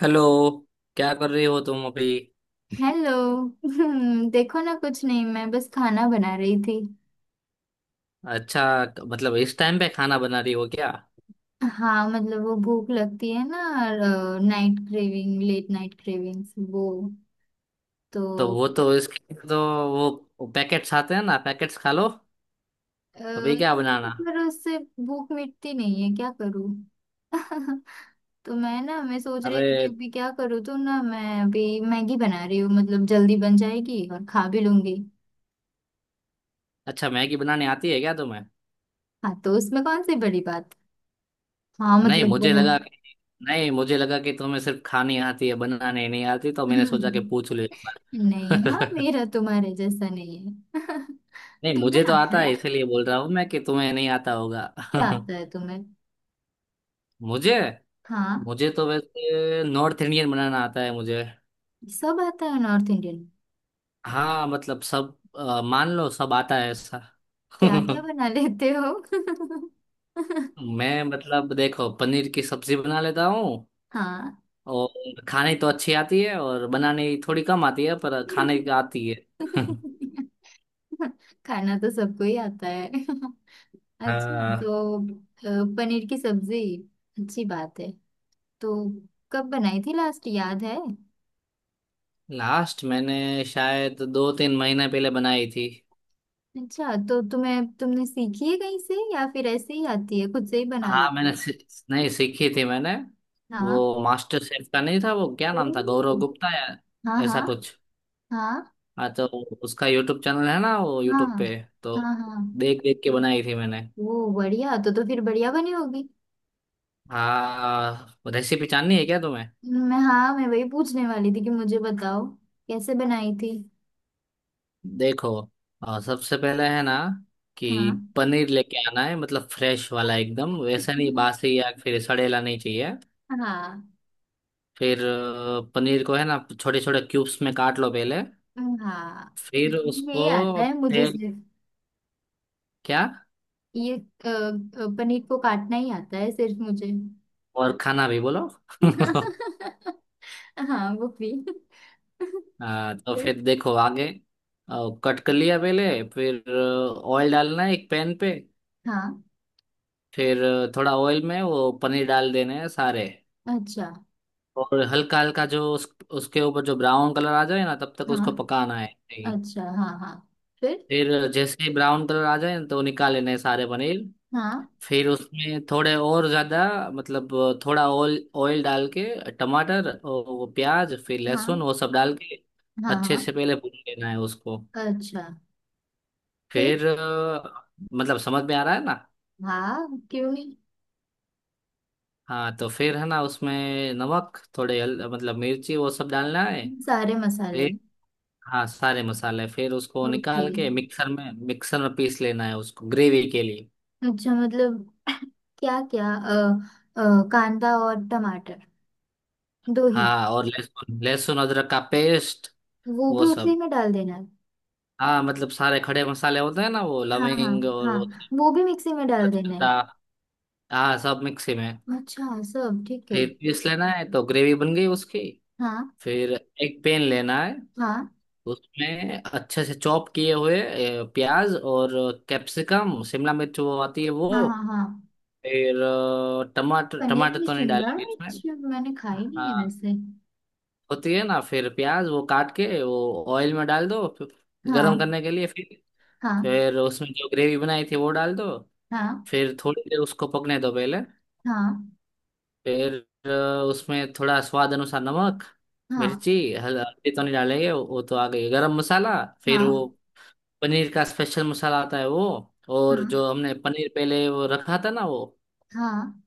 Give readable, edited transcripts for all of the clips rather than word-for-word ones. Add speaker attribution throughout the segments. Speaker 1: Hello. क्या कर रही हो तुम अभी।
Speaker 2: हेलो। देखो ना, कुछ नहीं, मैं बस खाना बना रही थी।
Speaker 1: अच्छा, मतलब इस टाइम पे खाना बना रही हो क्या?
Speaker 2: हाँ, मतलब वो भूख लगती है ना। Night craving, late night cravings, वो तो।
Speaker 1: तो वो तो इसके तो वो पैकेट्स आते हैं ना, पैकेट्स खा लो। अभी
Speaker 2: नहीं,
Speaker 1: क्या बनाना।
Speaker 2: पर उससे भूख मिटती नहीं है, क्या करूँ। तो मैं सोच रही थी कि
Speaker 1: अरे
Speaker 2: अभी क्या करूँ, तो ना मैं अभी मैगी बना रही हूँ, मतलब जल्दी बन जाएगी और खा भी लूंगी।
Speaker 1: अच्छा, मैगी बनानी आती है क्या तुम्हें?
Speaker 2: हाँ, तो उसमें कौन सी बड़ी बात। हाँ,
Speaker 1: नहीं
Speaker 2: मतलब
Speaker 1: मुझे
Speaker 2: वो।
Speaker 1: लगा कि नहीं मुझे लगा कि तुम्हें सिर्फ खानी आती है, बनाने नहीं आती, तो मैंने सोचा कि पूछ लो एक
Speaker 2: नहीं, हाँ,
Speaker 1: बार।
Speaker 2: मेरा तुम्हारे जैसा नहीं है।
Speaker 1: नहीं,
Speaker 2: तुम्हें
Speaker 1: मुझे तो
Speaker 2: आता
Speaker 1: आता है,
Speaker 2: है?
Speaker 1: इसीलिए बोल रहा हूँ मैं कि तुम्हें नहीं आता होगा।
Speaker 2: क्या आता है तुम्हें?
Speaker 1: मुझे
Speaker 2: हाँ,
Speaker 1: मुझे तो वैसे नॉर्थ इंडियन बनाना आता है मुझे।
Speaker 2: सब आता है नॉर्थ इंडियन।
Speaker 1: हाँ मतलब सब मान लो सब आता है ऐसा।
Speaker 2: क्या क्या बना लेते हो?
Speaker 1: मैं मतलब देखो, पनीर की सब्जी बना लेता हूँ।
Speaker 2: हाँ।
Speaker 1: और खाने तो अच्छी आती है, और बनाने थोड़ी कम आती है, पर खाने की आती है।
Speaker 2: खाना तो सबको ही आता है। अच्छा।
Speaker 1: हाँ।
Speaker 2: तो पनीर की सब्जी, अच्छी बात है। तो कब बनाई थी लास्ट, याद है?
Speaker 1: लास्ट मैंने शायद दो तीन महीने पहले बनाई थी।
Speaker 2: अच्छा, तो तुम्हें तुमने सीखी है कहीं से, या फिर ऐसे ही आती है, खुद से ही बना
Speaker 1: हाँ
Speaker 2: लेती हो?
Speaker 1: मैंने सी, नहीं, सीखी थी मैंने।
Speaker 2: हाँ।
Speaker 1: वो मास्टर शेफ का नहीं था, वो क्या नाम
Speaker 2: ओह,
Speaker 1: था, गौरव गुप्ता या
Speaker 2: हाँ हाँ।
Speaker 1: ऐसा कुछ।
Speaker 2: हाँ
Speaker 1: हाँ तो उसका यूट्यूब चैनल है ना, वो
Speaker 2: हाँ
Speaker 1: यूट्यूब पे, तो
Speaker 2: हाँ हाँ।
Speaker 1: देख देख के बनाई थी मैंने।
Speaker 2: वो बढ़िया, तो फिर बढ़िया बनी होगी।
Speaker 1: हाँ रेसिपी जाननी है क्या तुम्हें?
Speaker 2: मैं, हाँ, मैं वही पूछने वाली थी कि मुझे बताओ कैसे बनाई थी।
Speaker 1: देखो, सबसे पहले है ना कि
Speaker 2: हाँ
Speaker 1: पनीर लेके आना है, मतलब फ्रेश वाला एकदम, वैसा नहीं बासी या फिर सड़ेला नहीं चाहिए।
Speaker 2: हाँ
Speaker 1: फिर पनीर को है ना छोटे छोटे क्यूब्स में काट लो पहले।
Speaker 2: हाँ हाँ,
Speaker 1: फिर
Speaker 2: ये आता
Speaker 1: उसको
Speaker 2: है मुझे
Speaker 1: तेल,
Speaker 2: सिर्फ।
Speaker 1: क्या?
Speaker 2: ये पनीर को काटना ही आता है सिर्फ मुझे।
Speaker 1: और खाना भी बोलो।
Speaker 2: हाँ, वो भी।
Speaker 1: हाँ तो
Speaker 2: फिर,
Speaker 1: फिर देखो आगे, कट कर लिया पहले, फिर ऑयल डालना है एक पैन पे।
Speaker 2: हाँ,
Speaker 1: फिर थोड़ा ऑयल में वो पनीर डाल देने हैं सारे।
Speaker 2: अच्छा,
Speaker 1: और हल्का हल्का जो उसके ऊपर जो ब्राउन कलर आ जाए ना, तब तक
Speaker 2: हाँ,
Speaker 1: उसको पकाना है, नहीं।
Speaker 2: अच्छा, हाँ हाँ, फिर,
Speaker 1: फिर जैसे ही ब्राउन कलर आ जाए ना, तो निकाल लेने हैं सारे पनीर।
Speaker 2: हाँ
Speaker 1: फिर उसमें थोड़े और ज्यादा, मतलब थोड़ा ऑयल ऑयल डाल के, टमाटर और वो प्याज फिर लहसुन
Speaker 2: हाँ
Speaker 1: वो सब डाल के
Speaker 2: हाँ
Speaker 1: अच्छे
Speaker 2: हाँ,
Speaker 1: से पहले भून लेना है उसको।
Speaker 2: अच्छा, फिर,
Speaker 1: फिर मतलब समझ में आ रहा है ना।
Speaker 2: हाँ, क्यों नहीं,
Speaker 1: हाँ तो फिर है ना उसमें नमक, मतलब मिर्ची वो सब डालना है।
Speaker 2: सारे मसाले।
Speaker 1: हाँ सारे मसाले, फिर उसको
Speaker 2: ओके,
Speaker 1: निकाल के मिक्सर में पीस लेना है उसको ग्रेवी के लिए।
Speaker 2: अच्छा, मतलब क्या क्या, कांदा और टमाटर, दो ही,
Speaker 1: हाँ, और लहसुन लहसुन अदरक का पेस्ट
Speaker 2: वो भी
Speaker 1: वो
Speaker 2: उसी
Speaker 1: सब।
Speaker 2: में डाल देना है।
Speaker 1: हाँ मतलब सारे खड़े मसाले होते हैं ना, वो
Speaker 2: हाँ हाँ
Speaker 1: लविंग और वो
Speaker 2: हाँ, वो भी मिक्सी में डाल देना है।
Speaker 1: तेजपत्ता, हाँ सब मिक्सी में।
Speaker 2: अच्छा, सब ठीक है।
Speaker 1: फिर पीस लेना है, तो ग्रेवी बन गई उसकी।
Speaker 2: हाँ
Speaker 1: फिर एक पेन लेना है,
Speaker 2: हाँ
Speaker 1: उसमें अच्छे से चॉप किए हुए प्याज और कैप्सिकम, शिमला मिर्च वो आती है वो।
Speaker 2: हाँ हाँ हाँ,
Speaker 1: फिर अ, टमाटर
Speaker 2: पनीर
Speaker 1: टमाटर
Speaker 2: में
Speaker 1: तो नहीं
Speaker 2: शिमला
Speaker 1: डालेंगे इसमें।
Speaker 2: मिर्च मैंने खाई नहीं है
Speaker 1: हाँ
Speaker 2: वैसे।
Speaker 1: होती है ना, फिर प्याज वो काट के वो ऑयल में डाल दो, फिर गरम
Speaker 2: हाँ
Speaker 1: करने के लिए।
Speaker 2: हाँ
Speaker 1: फिर उसमें जो ग्रेवी बनाई थी वो डाल दो।
Speaker 2: हाँ
Speaker 1: फिर थोड़ी देर उसको पकने दो पहले।
Speaker 2: हाँ
Speaker 1: फिर अ, उसमें थोड़ा स्वाद अनुसार नमक, मिर्ची,
Speaker 2: हाँ
Speaker 1: हल्दी तो नहीं डालेंगे, वो तो आ गई गरम मसाला। फिर वो
Speaker 2: हाँ
Speaker 1: पनीर का स्पेशल मसाला आता है वो, और
Speaker 2: हाँ
Speaker 1: जो हमने पनीर पहले वो रखा था ना वो
Speaker 2: हाँ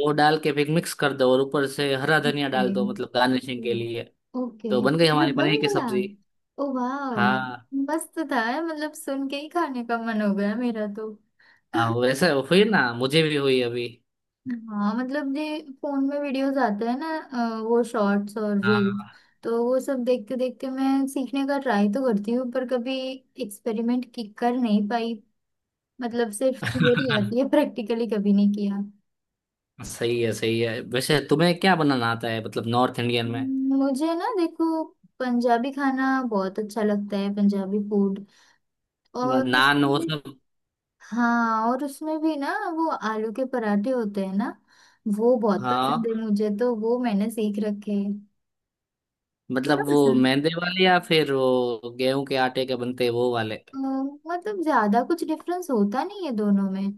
Speaker 1: वो डाल के फिर मिक्स कर दो, और ऊपर से हरा धनिया डाल दो,
Speaker 2: हाँ,
Speaker 1: मतलब गार्निशिंग के लिए।
Speaker 2: ओके,
Speaker 1: तो बन गई हमारी
Speaker 2: मतलब बन
Speaker 1: पनीर की
Speaker 2: गया।
Speaker 1: सब्जी।
Speaker 2: ओ वाह।
Speaker 1: हाँ।
Speaker 2: मस्त था यार, मतलब सुन के ही खाने का मन हो गया मेरा तो।
Speaker 1: हाँ वैसे हुई ना, मुझे भी हुई अभी।
Speaker 2: हाँ, मतलब ये फोन में वीडियोस आते हैं ना, वो शॉर्ट्स और रील्स,
Speaker 1: हाँ।
Speaker 2: तो वो सब देखते देखते मैं सीखने का ट्राई तो करती हूँ, पर कभी एक्सपेरिमेंट की कर नहीं पाई। मतलब सिर्फ थियरी आती है, प्रैक्टिकली कभी नहीं किया।
Speaker 1: सही है सही है। वैसे तुम्हें क्या बनाना आता है, मतलब नॉर्थ इंडियन में?
Speaker 2: मुझे ना, देखो, पंजाबी खाना बहुत अच्छा लगता है, पंजाबी फूड, और
Speaker 1: नान वो
Speaker 2: उसमें।
Speaker 1: सब।
Speaker 2: हाँ, और उसमें भी ना वो आलू के पराठे होते हैं ना, वो बहुत पसंद
Speaker 1: हाँ
Speaker 2: है मुझे, तो वो मैंने सीख रखे हैं। तुम्हें
Speaker 1: मतलब वो
Speaker 2: पसंद है?
Speaker 1: मैदे वाले या फिर वो गेहूं के आटे के बनते हैं वो वाले?
Speaker 2: मतलब ज्यादा कुछ डिफरेंस होता नहीं है दोनों में,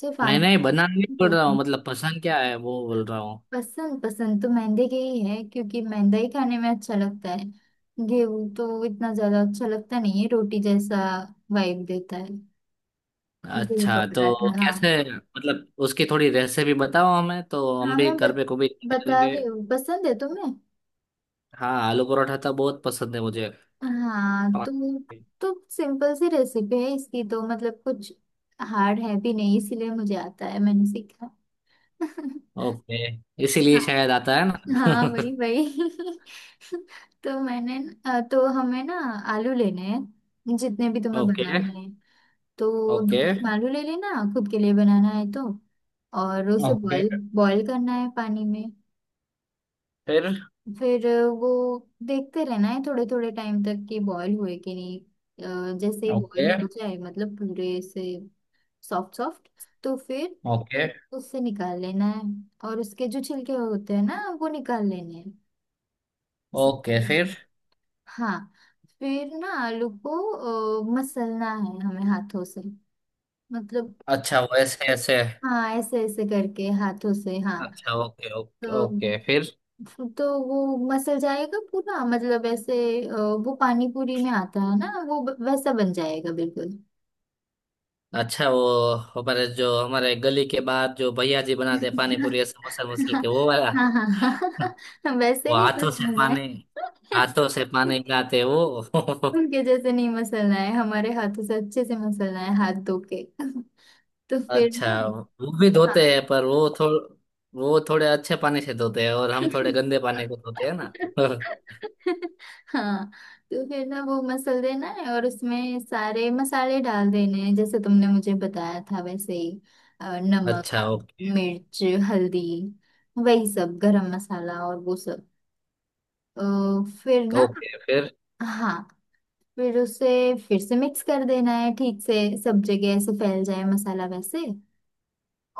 Speaker 2: सिर्फ
Speaker 1: नहीं
Speaker 2: आटे
Speaker 1: नहीं, बनाना नहीं
Speaker 2: में
Speaker 1: बोल रहा
Speaker 2: होता
Speaker 1: हूँ,
Speaker 2: है।
Speaker 1: मतलब पसंद क्या है वो बोल रहा हूँ।
Speaker 2: पसंद, पसंद तो मैदे के ही है, क्योंकि मैदा ही खाने में अच्छा लगता है। गेहूं तो इतना ज्यादा अच्छा लगता नहीं है, रोटी जैसा वाइब देता है। गेहूं का
Speaker 1: अच्छा तो
Speaker 2: पराठा, हाँ।
Speaker 1: कैसे, मतलब उसकी थोड़ी रेसिपी बताओ हमें, तो हम
Speaker 2: हाँ,
Speaker 1: भी
Speaker 2: मैं
Speaker 1: घर पे को भी
Speaker 2: बता
Speaker 1: करेंगे।
Speaker 2: रही हूँ। पसंद है तुम्हें?
Speaker 1: हाँ आलू परोठा तो बहुत पसंद है मुझे।
Speaker 2: हाँ, तो सिंपल सी रेसिपी है इसकी, तो मतलब कुछ हार्ड है भी नहीं, इसलिए मुझे आता है, मैंने सीखा।
Speaker 1: ओके, इसीलिए
Speaker 2: हाँ
Speaker 1: शायद आता है
Speaker 2: हाँ, वही
Speaker 1: ना।
Speaker 2: वही। तो मैंने तो हमें ना आलू लेने हैं, जितने भी तुम्हें
Speaker 1: ओके
Speaker 2: बनाने हैं। तो दो
Speaker 1: ओके
Speaker 2: तीन आलू ले लेना, खुद के लिए बनाना है तो, और उसे
Speaker 1: ओके
Speaker 2: बॉईल बॉईल करना है पानी में।
Speaker 1: फिर।
Speaker 2: फिर वो देखते रहना है थोड़े थोड़े टाइम तक कि बॉयल हुए कि नहीं। जैसे ही
Speaker 1: ओके
Speaker 2: बॉयल हो जाए, मतलब पूरे से सॉफ्ट सॉफ्ट, तो फिर
Speaker 1: ओके
Speaker 2: उससे निकाल लेना है, और उसके जो छिलके होते हैं ना, वो निकाल लेने हैं। इस-
Speaker 1: ओके फिर।
Speaker 2: हाँ, फिर ना आलू को मसलना है हमें हाथों से, मतलब।
Speaker 1: अच्छा वो ऐसे ऐसे।
Speaker 2: हाँ, ऐसे ऐसे करके हाथों से, हाँ।
Speaker 1: अच्छा, ओके ओके
Speaker 2: तो
Speaker 1: ओके फिर।
Speaker 2: तो वो मसल जाएगा पूरा, मतलब ऐसे, अ, वो पानी पूरी में आता है ना वो, वैसा बन जाएगा बिल्कुल।
Speaker 1: अच्छा, वो हमारे जो, हमारे गली के बाहर जो भैया जी बनाते हैं पानी पूरी समोसा, मसल मसल के वो वाला।
Speaker 2: हाँ हाँ
Speaker 1: वो
Speaker 2: हाँ, वैसे नहीं
Speaker 1: हाथों से
Speaker 2: मसलना है,
Speaker 1: पानी, हाथों से पानी गिराते वो।
Speaker 2: उनके जैसे नहीं मसलना है, हमारे हाथों से अच्छे से मसलना है, हाथ धो के। तो फिर ना,
Speaker 1: अच्छा, वो भी धोते
Speaker 2: हाँ।
Speaker 1: हैं पर वो थोड़ वो थोड़े अच्छे पानी से धोते हैं, और हम थोड़े गंदे पानी को धोते हैं ना।
Speaker 2: हाँ, तो फिर ना वो मसल देना है, और उसमें सारे मसाले डाल देने हैं जैसे तुमने मुझे बताया था वैसे ही, नमक,
Speaker 1: अच्छा, ओके
Speaker 2: मिर्च, हल्दी, वही सब, गरम मसाला और वो सब, अ, फिर ना,
Speaker 1: ओके फिर।
Speaker 2: हाँ, फिर उसे फिर से मिक्स कर देना है ठीक से, सब जगह ऐसे फैल जाए मसाला वैसे।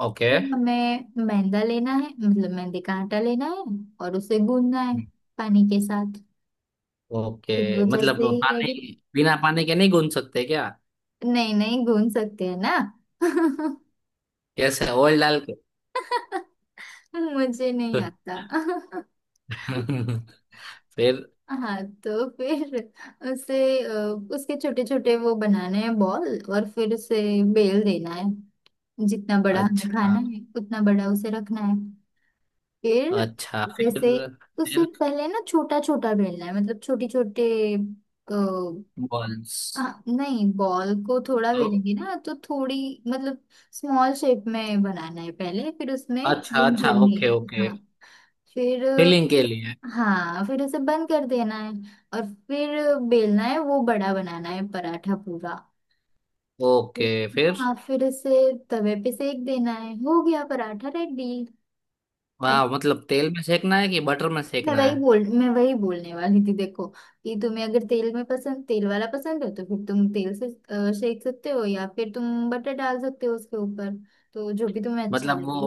Speaker 1: ओके
Speaker 2: फिर हमें मैदा लेना है, मतलब मैदे का आटा लेना है, और उसे गूंदना है पानी के साथ,
Speaker 1: ओके
Speaker 2: वो
Speaker 1: मतलब
Speaker 2: जैसे ही
Speaker 1: पानी,
Speaker 2: लगे।
Speaker 1: बिना पानी के नहीं गूंथ सकते क्या?
Speaker 2: नहीं नहीं, घूम सकते हैं ना।
Speaker 1: कैसे, ऑयल डाल के?
Speaker 2: मुझे नहीं आता।
Speaker 1: फिर।
Speaker 2: हाँ, तो फिर उसे अ, उसके छोटे छोटे वो बनाने हैं बॉल, और फिर उसे बेल देना है, जितना बड़ा हमें
Speaker 1: अच्छा
Speaker 2: खाना है उतना बड़ा उसे रखना है। फिर
Speaker 1: अच्छा,
Speaker 2: जैसे, उसे
Speaker 1: फिर
Speaker 2: पहले ना छोटा छोटा बेलना है, मतलब छोटी छोटे।
Speaker 1: बॉल्स,
Speaker 2: हाँ नहीं, बॉल को थोड़ा
Speaker 1: तो।
Speaker 2: बेलेंगे ना तो थोड़ी, मतलब स्मॉल शेप में बनाना है पहले, फिर उसमें
Speaker 1: अच्छा
Speaker 2: फिलिंग
Speaker 1: अच्छा,
Speaker 2: भरनी
Speaker 1: ओके
Speaker 2: है।
Speaker 1: ओके
Speaker 2: हाँ, फिर,
Speaker 1: फिलिंग के लिए।
Speaker 2: हाँ, फिर उसे बंद कर देना है और फिर बेलना है, वो बड़ा बनाना है पराठा पूरा।
Speaker 1: ओके फिर।
Speaker 2: हाँ, फिर उसे तवे पे सेक देना है, हो गया पराठा रेडी।
Speaker 1: वाह, मतलब तेल में सेकना है कि बटर में सेकना है?
Speaker 2: मैं वही बोलने वाली थी, देखो कि तुम्हें अगर तेल वाला पसंद है, तो फिर तुम तेल से सेक सकते हो, या फिर तुम बटर डाल सकते हो उसके ऊपर, तो जो भी तुम्हें अच्छा
Speaker 1: मतलब वो
Speaker 2: लगे।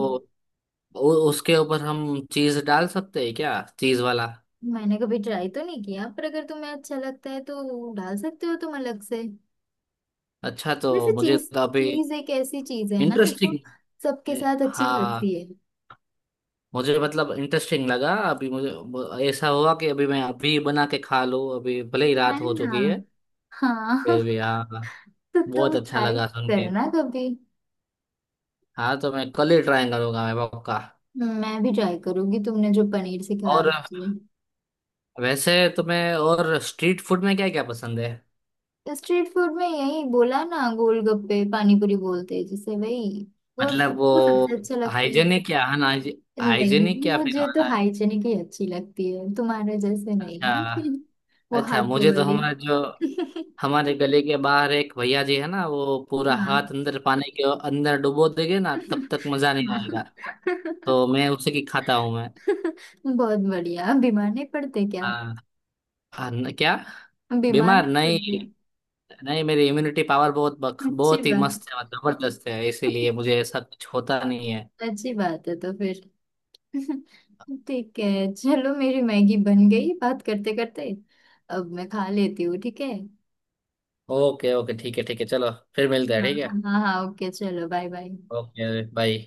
Speaker 1: उसके ऊपर हम चीज डाल सकते हैं क्या, चीज वाला?
Speaker 2: मैंने कभी ट्राई तो नहीं किया, पर अगर तुम्हें अच्छा लगता है तो डाल सकते हो तुम अलग से।
Speaker 1: अच्छा तो
Speaker 2: वैसे
Speaker 1: मुझे
Speaker 2: चीज
Speaker 1: तो अभी
Speaker 2: चीज एक ऐसी चीज है ना जो
Speaker 1: इंटरेस्टिंग।
Speaker 2: सबके साथ अच्छी
Speaker 1: हाँ,
Speaker 2: लगती है।
Speaker 1: मुझे मतलब इंटरेस्टिंग लगा, अभी मुझे ऐसा हुआ कि अभी मैं अभी बना के खा लूँ, अभी भले ही
Speaker 2: है
Speaker 1: रात हो
Speaker 2: ना?
Speaker 1: चुकी है फिर
Speaker 2: हाँ।
Speaker 1: भी। हाँ हाँ,
Speaker 2: तो
Speaker 1: बहुत
Speaker 2: तुम
Speaker 1: अच्छा
Speaker 2: ट्राई
Speaker 1: लगा सुन के।
Speaker 2: करना कभी,
Speaker 1: हाँ तो मैं कल ही ट्राई करूंगा मैं, पक्का।
Speaker 2: मैं भी ट्राई करूंगी तुमने जो पनीर सिखाया
Speaker 1: और
Speaker 2: मुझे।
Speaker 1: वैसे तुम्हें और स्ट्रीट फूड में क्या क्या पसंद है?
Speaker 2: स्ट्रीट फूड में यही बोला ना, गोलगप्पे, पानीपुरी बोलते हैं जिसे, वही वो
Speaker 1: मतलब वो
Speaker 2: वो सबसे अच्छा लगता है।
Speaker 1: हाइजेनिक या अनहाइजेनिक,
Speaker 2: नहीं,
Speaker 1: हाइजेनिक या फिर
Speaker 2: मुझे तो
Speaker 1: अना
Speaker 2: हाइजीनिक ही अच्छी लगती है, तुम्हारे जैसे नहीं।
Speaker 1: अच्छा।
Speaker 2: वो
Speaker 1: अच्छा,
Speaker 2: हाथों
Speaker 1: मुझे तो
Speaker 2: वाली।
Speaker 1: हमारा जो, हमारे गले के बाहर एक भैया जी है ना, वो पूरा
Speaker 2: हाँ
Speaker 1: हाथ अंदर पानी के अंदर डुबो देंगे ना, तब तक मजा नहीं
Speaker 2: हाँ।
Speaker 1: आएगा। तो मैं उसे की खाता हूँ मैं।
Speaker 2: बहुत बढ़िया, बीमार नहीं पड़ते क्या?
Speaker 1: हाँ। हाँ, क्या?
Speaker 2: बीमार
Speaker 1: बीमार
Speaker 2: नहीं
Speaker 1: नहीं।
Speaker 2: पड़ते?
Speaker 1: नहीं मेरी इम्यूनिटी पावर बहुत
Speaker 2: अच्छी
Speaker 1: बहुत ही
Speaker 2: बात।
Speaker 1: मस्त है, मतलब जबरदस्त है, इसीलिए मुझे ऐसा कुछ होता नहीं है।
Speaker 2: अच्छी बात है, तो फिर ठीक है, चलो। मेरी मैगी बन गई बात करते करते, अब मैं खा लेती हूँ, ठीक है?
Speaker 1: ओके ओके, ठीक है ठीक है, चलो फिर मिलते हैं,
Speaker 2: हाँ
Speaker 1: ठीक है।
Speaker 2: हाँ हाँ, ओके, चलो, बाय बाय।
Speaker 1: Okay bye.